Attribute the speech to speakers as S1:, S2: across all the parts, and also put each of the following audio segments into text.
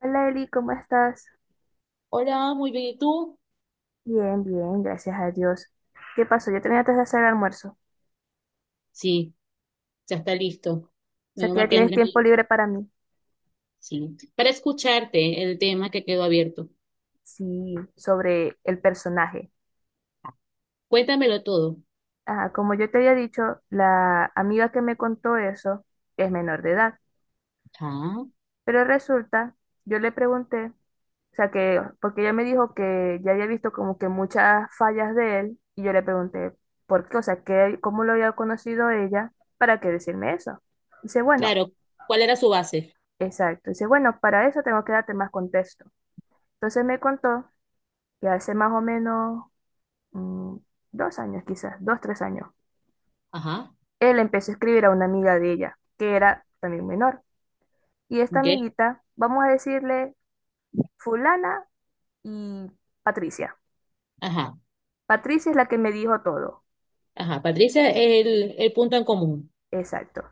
S1: Hola Eli, ¿cómo estás?
S2: Hola, muy bien. ¿Y tú?
S1: Bien, bien, gracias a Dios. ¿Qué pasó? Yo tenía antes de hacer el almuerzo. O
S2: Sí, ya está listo.
S1: sea
S2: Menos
S1: que ya
S2: mal que
S1: tienes
S2: Andrés me
S1: tiempo libre
S2: dijo.
S1: para mí.
S2: Sí. Para escucharte el tema que quedó abierto.
S1: Sí, sobre el personaje.
S2: Cuéntamelo todo.
S1: Ah, como yo te había dicho, la amiga que me contó eso es menor de edad.
S2: Ah,
S1: Pero resulta, yo le pregunté, o sea que, porque ella me dijo que ya había visto como que muchas fallas de él, y yo le pregunté, ¿por qué? O sea, ¿qué, cómo lo había conocido ella para que decirme eso? Dice, bueno.
S2: claro. ¿Cuál era su base?
S1: Exacto. Dice, bueno, para eso tengo que darte más contexto. Entonces me contó que hace más o menos mm, dos años, quizás, dos, tres años,
S2: Ajá.
S1: él empezó a escribir a una amiga de ella, que era también menor. Y esta
S2: Ok.
S1: amiguita, vamos a decirle fulana y Patricia.
S2: Ajá.
S1: Patricia es la que me dijo todo.
S2: Ajá. Patricia es el punto en común.
S1: Exacto.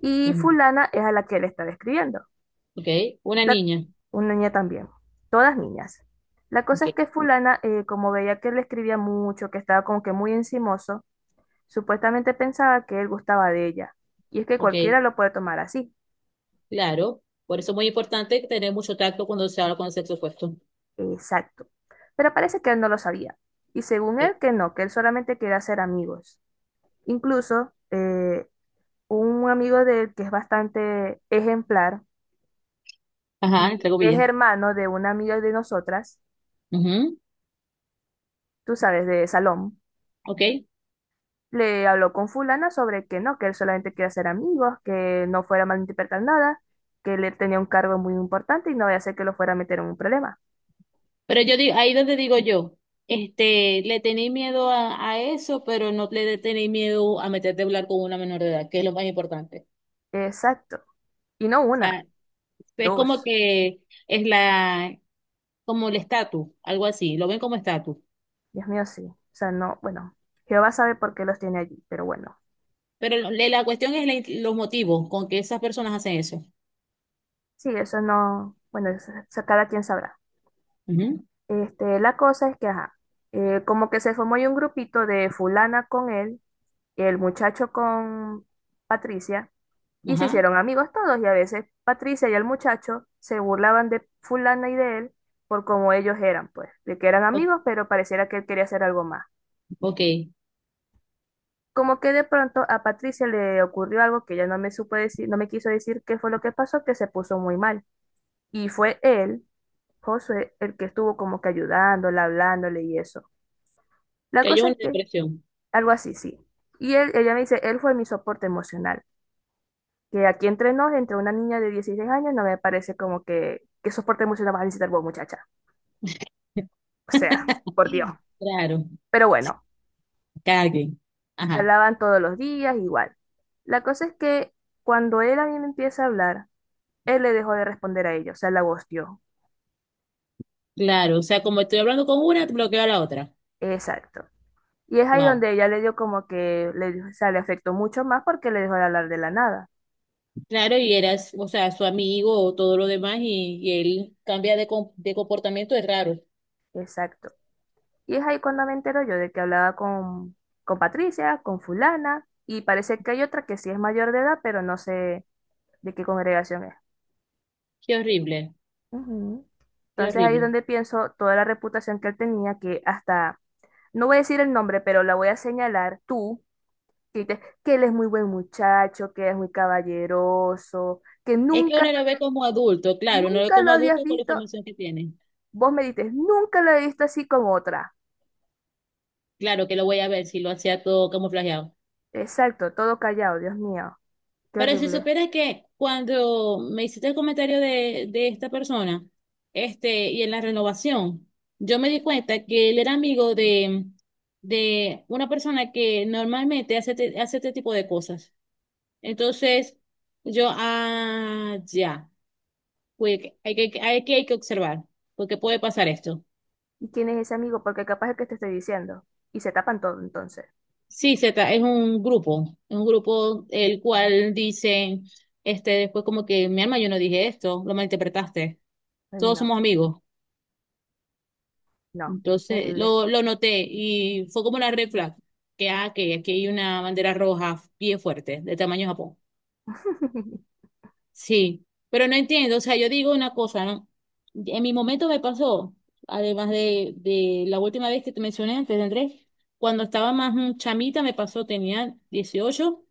S1: Y
S2: Ujú.
S1: fulana es a la que él estaba escribiendo.
S2: Ok. Una
S1: La-
S2: niña.
S1: una niña también. Todas niñas. La cosa
S2: Ok.
S1: es que fulana, como veía que él escribía mucho, que estaba como que muy encimoso, supuestamente pensaba que él gustaba de ella, y es que
S2: Ok.
S1: cualquiera lo puede tomar así.
S2: Claro. Por eso es muy importante tener mucho tacto cuando se habla con el sexo opuesto.
S1: Exacto. Pero parece que él no lo sabía. Y según
S2: Ok.
S1: él, que no, que él solamente quería ser amigos. Incluso un amigo de él que es bastante ejemplar
S2: Ajá.
S1: y
S2: Entre
S1: es
S2: comillas.
S1: hermano de una amiga de nosotras,
S2: Ujú.
S1: tú sabes, de Salón,
S2: Ok.
S1: le habló con fulana sobre que no, que él solamente quería ser amigos, que no fuera malinterpretar nada, que él tenía un cargo muy importante y no vaya a ser que lo fuera a meter en un problema.
S2: Pero yo digo, ahí donde digo yo, este, le tenéis miedo a eso, pero no le tenéis miedo a meterte a hablar con una menor de edad, que es lo más importante.
S1: Exacto. Y no
S2: O
S1: una,
S2: es como
S1: dos.
S2: que es la, como el estatus, algo así, lo ven como estatus.
S1: Dios mío, sí. O sea, no, bueno, Jehová sabe por qué los tiene allí, pero bueno.
S2: Pero la cuestión es los motivos con que esas personas hacen eso.
S1: Sí, eso no, bueno, eso cada quien sabrá.
S2: Ujú,
S1: Este, la cosa es que, ajá, como que se formó ahí un grupito de fulana con él, el muchacho con Patricia, y se
S2: ajá.
S1: hicieron amigos todos, y a veces Patricia y el muchacho se burlaban de fulana y de él por cómo ellos eran, pues, de que eran
S2: O-
S1: amigos, pero pareciera que él quería hacer algo más.
S2: ok. Que
S1: Como que de pronto a Patricia le ocurrió algo que ella no me supo decir, no me quiso decir qué fue lo que pasó, que se puso muy mal. Y fue él, Josué, el que estuvo como que ayudándola, hablándole y eso. La
S2: haya
S1: cosa es
S2: una
S1: que,
S2: depresión.
S1: algo así, sí. Y él, ella me dice, él fue mi soporte emocional. Que aquí entre nos, entre una niña de 16 años, no me parece como que, ¿qué soporte emocional vas a necesitar vos, muchacha? O sea, por Dios.
S2: Claro.
S1: Pero
S2: Se
S1: bueno,
S2: caguen. Ajá.
S1: hablaban todos los días, igual. La cosa es que cuando él a mí me empieza a hablar, él le dejó de responder a ella, o sea, la ghosteó.
S2: Claro. O sea, como estoy hablando con una, bloqueo a la otra.
S1: Exacto. Y es ahí
S2: Wow.
S1: donde ella le dio como que, dio- o sea, le afectó mucho más porque le dejó de hablar de la nada.
S2: Claro, y eras, o sea, su amigo o todo lo demás, y él cambia de comportamiento, es raro.
S1: Exacto. Y es ahí cuando me entero yo de que hablaba con Patricia, con fulana, y parece que hay otra que sí es mayor de edad, pero no sé de qué congregación es.
S2: Qué horrible,
S1: Ujú.
S2: qué
S1: Entonces ahí es
S2: horrible.
S1: donde pienso toda la reputación que él tenía, que hasta, no voy a decir el nombre, pero la voy a señalar tú sí, te- que él es muy buen muchacho, que es muy caballeroso, que
S2: Es que
S1: nunca,
S2: uno lo ve como adulto, claro, uno lo ve
S1: nunca lo
S2: como
S1: habías
S2: adulto con la
S1: visto,
S2: información que tiene.
S1: vos me dices, nunca lo he visto así como otra.
S2: Claro que lo voy a ver si lo hacía todo camuflajeado.
S1: Exacto, todo callado, Dios mío, qué
S2: Pero si
S1: horrible.
S2: supieras que cuando me hiciste el comentario de esta persona, este, y en la renovación, yo me di cuenta que él era amigo de una persona que normalmente hace este tipo de cosas. Entonces, yo, ah, ya, pues hay que observar, porque puede pasar esto.
S1: ¿Y quién es ese amigo? Porque capaz es que te estoy diciendo. Y se tapan todo entonces.
S2: Sí, Z, es un grupo, el cual dice, este, después como que, mi alma, yo no dije esto, lo malinterpretaste,
S1: Ay,
S2: todos
S1: no,
S2: somos amigos.
S1: no, qué
S2: Entonces,
S1: horrible.
S2: lo noté y fue como una red flag, que aquí hay una bandera roja bien fuerte, de tamaño Japón. Sí, pero no entiendo, o sea, yo digo una cosa, ¿no? En mi momento me pasó, además de la última vez que te mencioné antes de Andrés, cuando estaba más chamita me pasó, tenía 18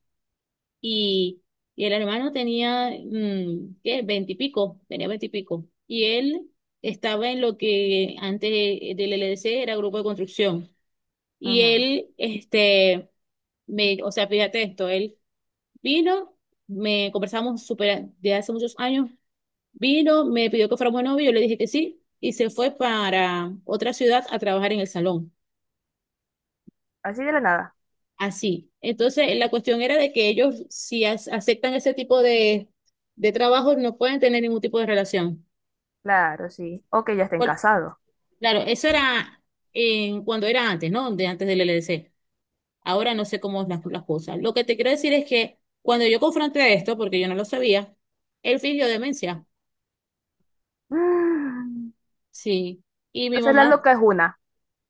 S2: y, y el hermano tenía, ¿qué? Veinte y pico, tenía 20 y pico. Y él estaba en lo que antes del LDC era grupo de construcción. Y
S1: Ujú.
S2: él, este, o sea, fíjate esto, él vino, me conversamos súper de hace muchos años. Vino, me pidió que fuéramos novios, yo le dije que sí, y se fue para otra ciudad a trabajar en el salón.
S1: Así de la nada.
S2: Así. Entonces, la cuestión era de que ellos, si aceptan ese tipo de trabajo, no pueden tener ningún tipo de relación.
S1: Claro, sí. O que ya estén
S2: Por-
S1: casados.
S2: claro, eso era cuando era antes, ¿no? De antes del LDC. Ahora no sé cómo es las cosas. Lo que te quiero decir es que cuando yo confronté esto, porque yo no lo sabía, él fingió demencia.
S1: Mm.
S2: Sí. Y mi
S1: Entonces la
S2: mamá
S1: loca es una.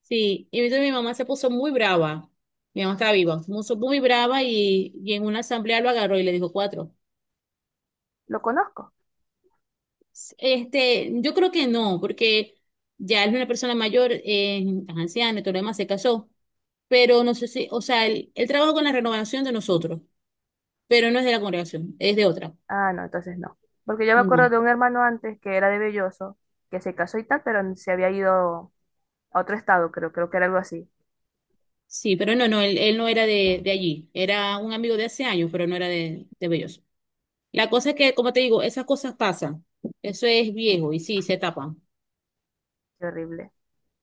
S2: Sí, y entonces mi mamá se puso muy brava. Mi mamá estaba viva, se puso muy brava y en una asamblea lo agarró y le dijo cuatro.
S1: Lo conozco.
S2: Este, yo creo que no, porque ya es una persona mayor, anciana y todo lo demás, se casó. Pero no sé si, o sea, él trabaja con la renovación de nosotros, pero no es de la congregación, es de otra.
S1: Ah, no, entonces no. Porque yo me acuerdo
S2: No,
S1: de un hermano antes que era de Belloso, que se casó y tal, pero se había ido a otro estado, creo, creo que era algo así.
S2: sí, pero no, no, él no era de allí. Era un amigo de hace años, pero no era de Belloso. La cosa es que, como te digo, esas cosas pasan. Eso es viejo y sí, se tapan.
S1: Qué horrible.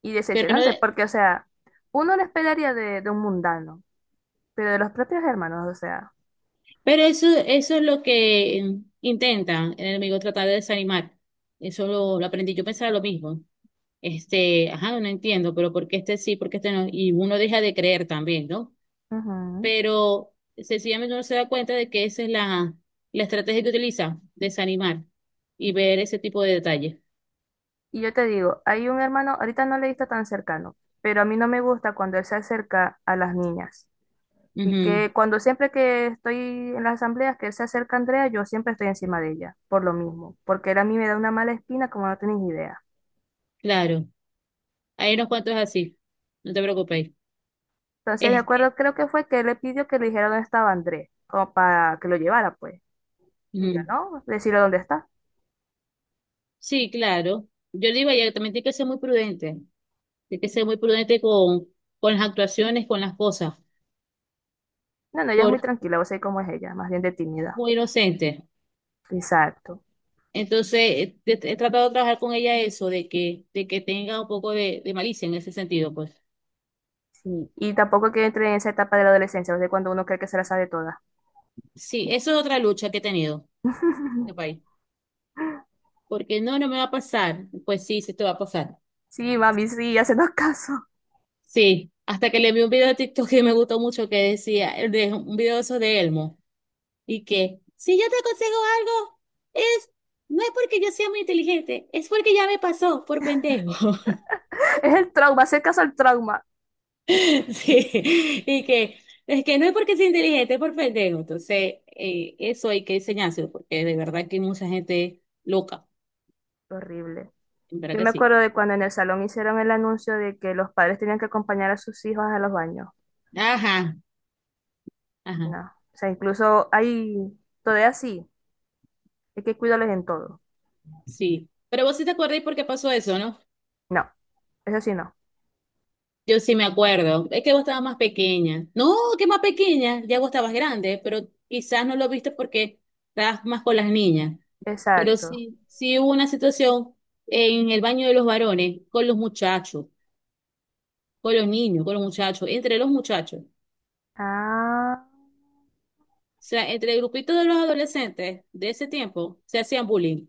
S1: Y
S2: Pero no,
S1: decepcionante, porque, o sea, uno lo esperaría de un mundano, pero de los propios hermanos, o sea.
S2: pero eso es lo que intentan el enemigo tratar de desanimar. Eso lo aprendí. Yo pensaba lo mismo. Este, ajá, no entiendo, pero ¿por qué este sí, por qué este no? Y uno deja de creer también, ¿no?
S1: Ujú.
S2: Pero sencillamente uno se da cuenta de que esa es la estrategia que utiliza, desanimar y ver ese tipo de detalles.
S1: Y yo te digo, hay un hermano, ahorita no le he visto tan cercano, pero a mí no me gusta cuando él se acerca a las niñas. Y
S2: Ujú,
S1: que cuando siempre que estoy en las asambleas que se acerca Andrea, yo siempre estoy encima de ella, por lo mismo, porque él a mí me da una mala espina como no tenéis idea.
S2: claro. Hay unos cuantos así. No te preocupes.
S1: Entonces, de
S2: Este,
S1: acuerdo, creo que fue que él le pidió que le dijera dónde estaba Andrés, como para que lo llevara, pues. Y yo,
S2: ujú.
S1: ¿no? Decirle dónde está.
S2: Sí, claro. Yo digo, ella también tiene que ser muy prudente. Hay que ser muy prudente con las actuaciones, con las cosas,
S1: No, no, ella es muy
S2: porque es
S1: tranquila, vos sabés cómo es ella, más bien de tímida.
S2: muy inocente.
S1: Exacto.
S2: Entonces, he tratado de trabajar con ella eso, de que tenga un poco de malicia en ese sentido, pues.
S1: Sí. Y tampoco que entre en esa etapa de la adolescencia, vos sabés cuando uno cree que se la sabe toda.
S2: Sí, eso es otra lucha que he tenido en este país. Porque no, no me va a pasar. Pues sí, sí te va a pasar.
S1: Sí, mami, sí, hacenos caso.
S2: Sí, hasta que le vi un video de TikTok que me gustó mucho que decía, un video de esos de Elmo, y que si yo te aconsejo algo, es, no es porque yo sea muy inteligente, es porque ya me pasó por pendejo.
S1: Es el trauma, hacer caso al trauma.
S2: Sí, y que es que no es porque sea inteligente, es por pendejo. Entonces, eso hay que enseñárselo, porque de verdad que hay mucha gente loca,
S1: Horrible.
S2: en verdad
S1: Yo
S2: que
S1: me
S2: sí.
S1: acuerdo de cuando en el salón hicieron el anuncio de que los padres tenían que acompañar a sus hijos a los baños.
S2: Ajá, ajá,
S1: No. O sea, incluso hay todavía sí, hay que cuidarles en todo.
S2: sí. Pero vos sí te acordáis por qué pasó eso, ¿no?
S1: No, eso sí no.
S2: Yo sí me acuerdo. Es que vos estabas más pequeña. No, que más pequeña, ya vos estabas grande, pero quizás no lo viste porque estabas más con las niñas. Pero
S1: Exacto.
S2: sí, sí hubo una situación en el baño de los varones, con los muchachos, con los niños, con los muchachos, entre los muchachos.
S1: Ah,
S2: O sea, entre el grupito de los adolescentes de ese tiempo se hacían bullying.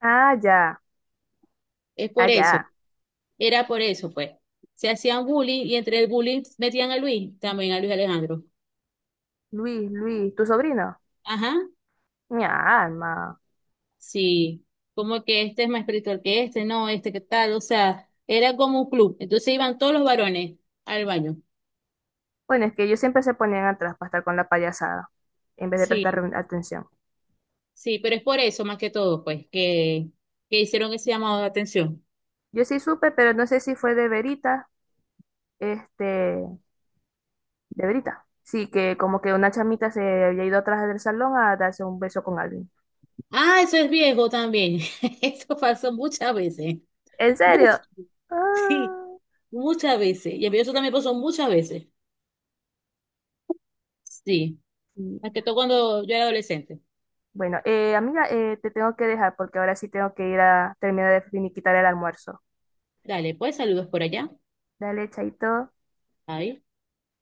S1: ah, ya,
S2: Es
S1: ah,
S2: por
S1: ya.
S2: eso, era por eso, pues. Se hacían bullying y entre el bullying metían a Luis, también a Luis Alejandro.
S1: Luis, Luis, tu sobrino.
S2: Ajá,
S1: Mi alma.
S2: sí. Como que este es más espiritual que este, no, este que tal, o sea, era como un club. Entonces iban todos los varones al baño.
S1: Bueno, es que ellos siempre se ponían atrás para estar con la payasada, en vez de prestar
S2: Sí,
S1: atención.
S2: sí, pero es por eso más que todo, pues, que hicieron ese llamado de atención.
S1: Yo sí supe, pero no sé si fue de verita, este, de Brita. Sí, que como que una chamita se había ido atrás del salón a darse un beso con alguien.
S2: Ah, eso es viejo también. Eso pasó muchas veces.
S1: ¿En
S2: Mucho.
S1: serio?
S2: Sí.
S1: Ah,
S2: Muchas veces. Y a mí eso también pasó muchas veces. Sí.
S1: sí.
S2: Más que todo cuando yo era adolescente.
S1: Bueno, amiga, te tengo que dejar porque ahora sí tengo que ir a terminar de finiquitar el almuerzo.
S2: Dale, pues saludos por allá.
S1: Dale, chaito.
S2: Ahí.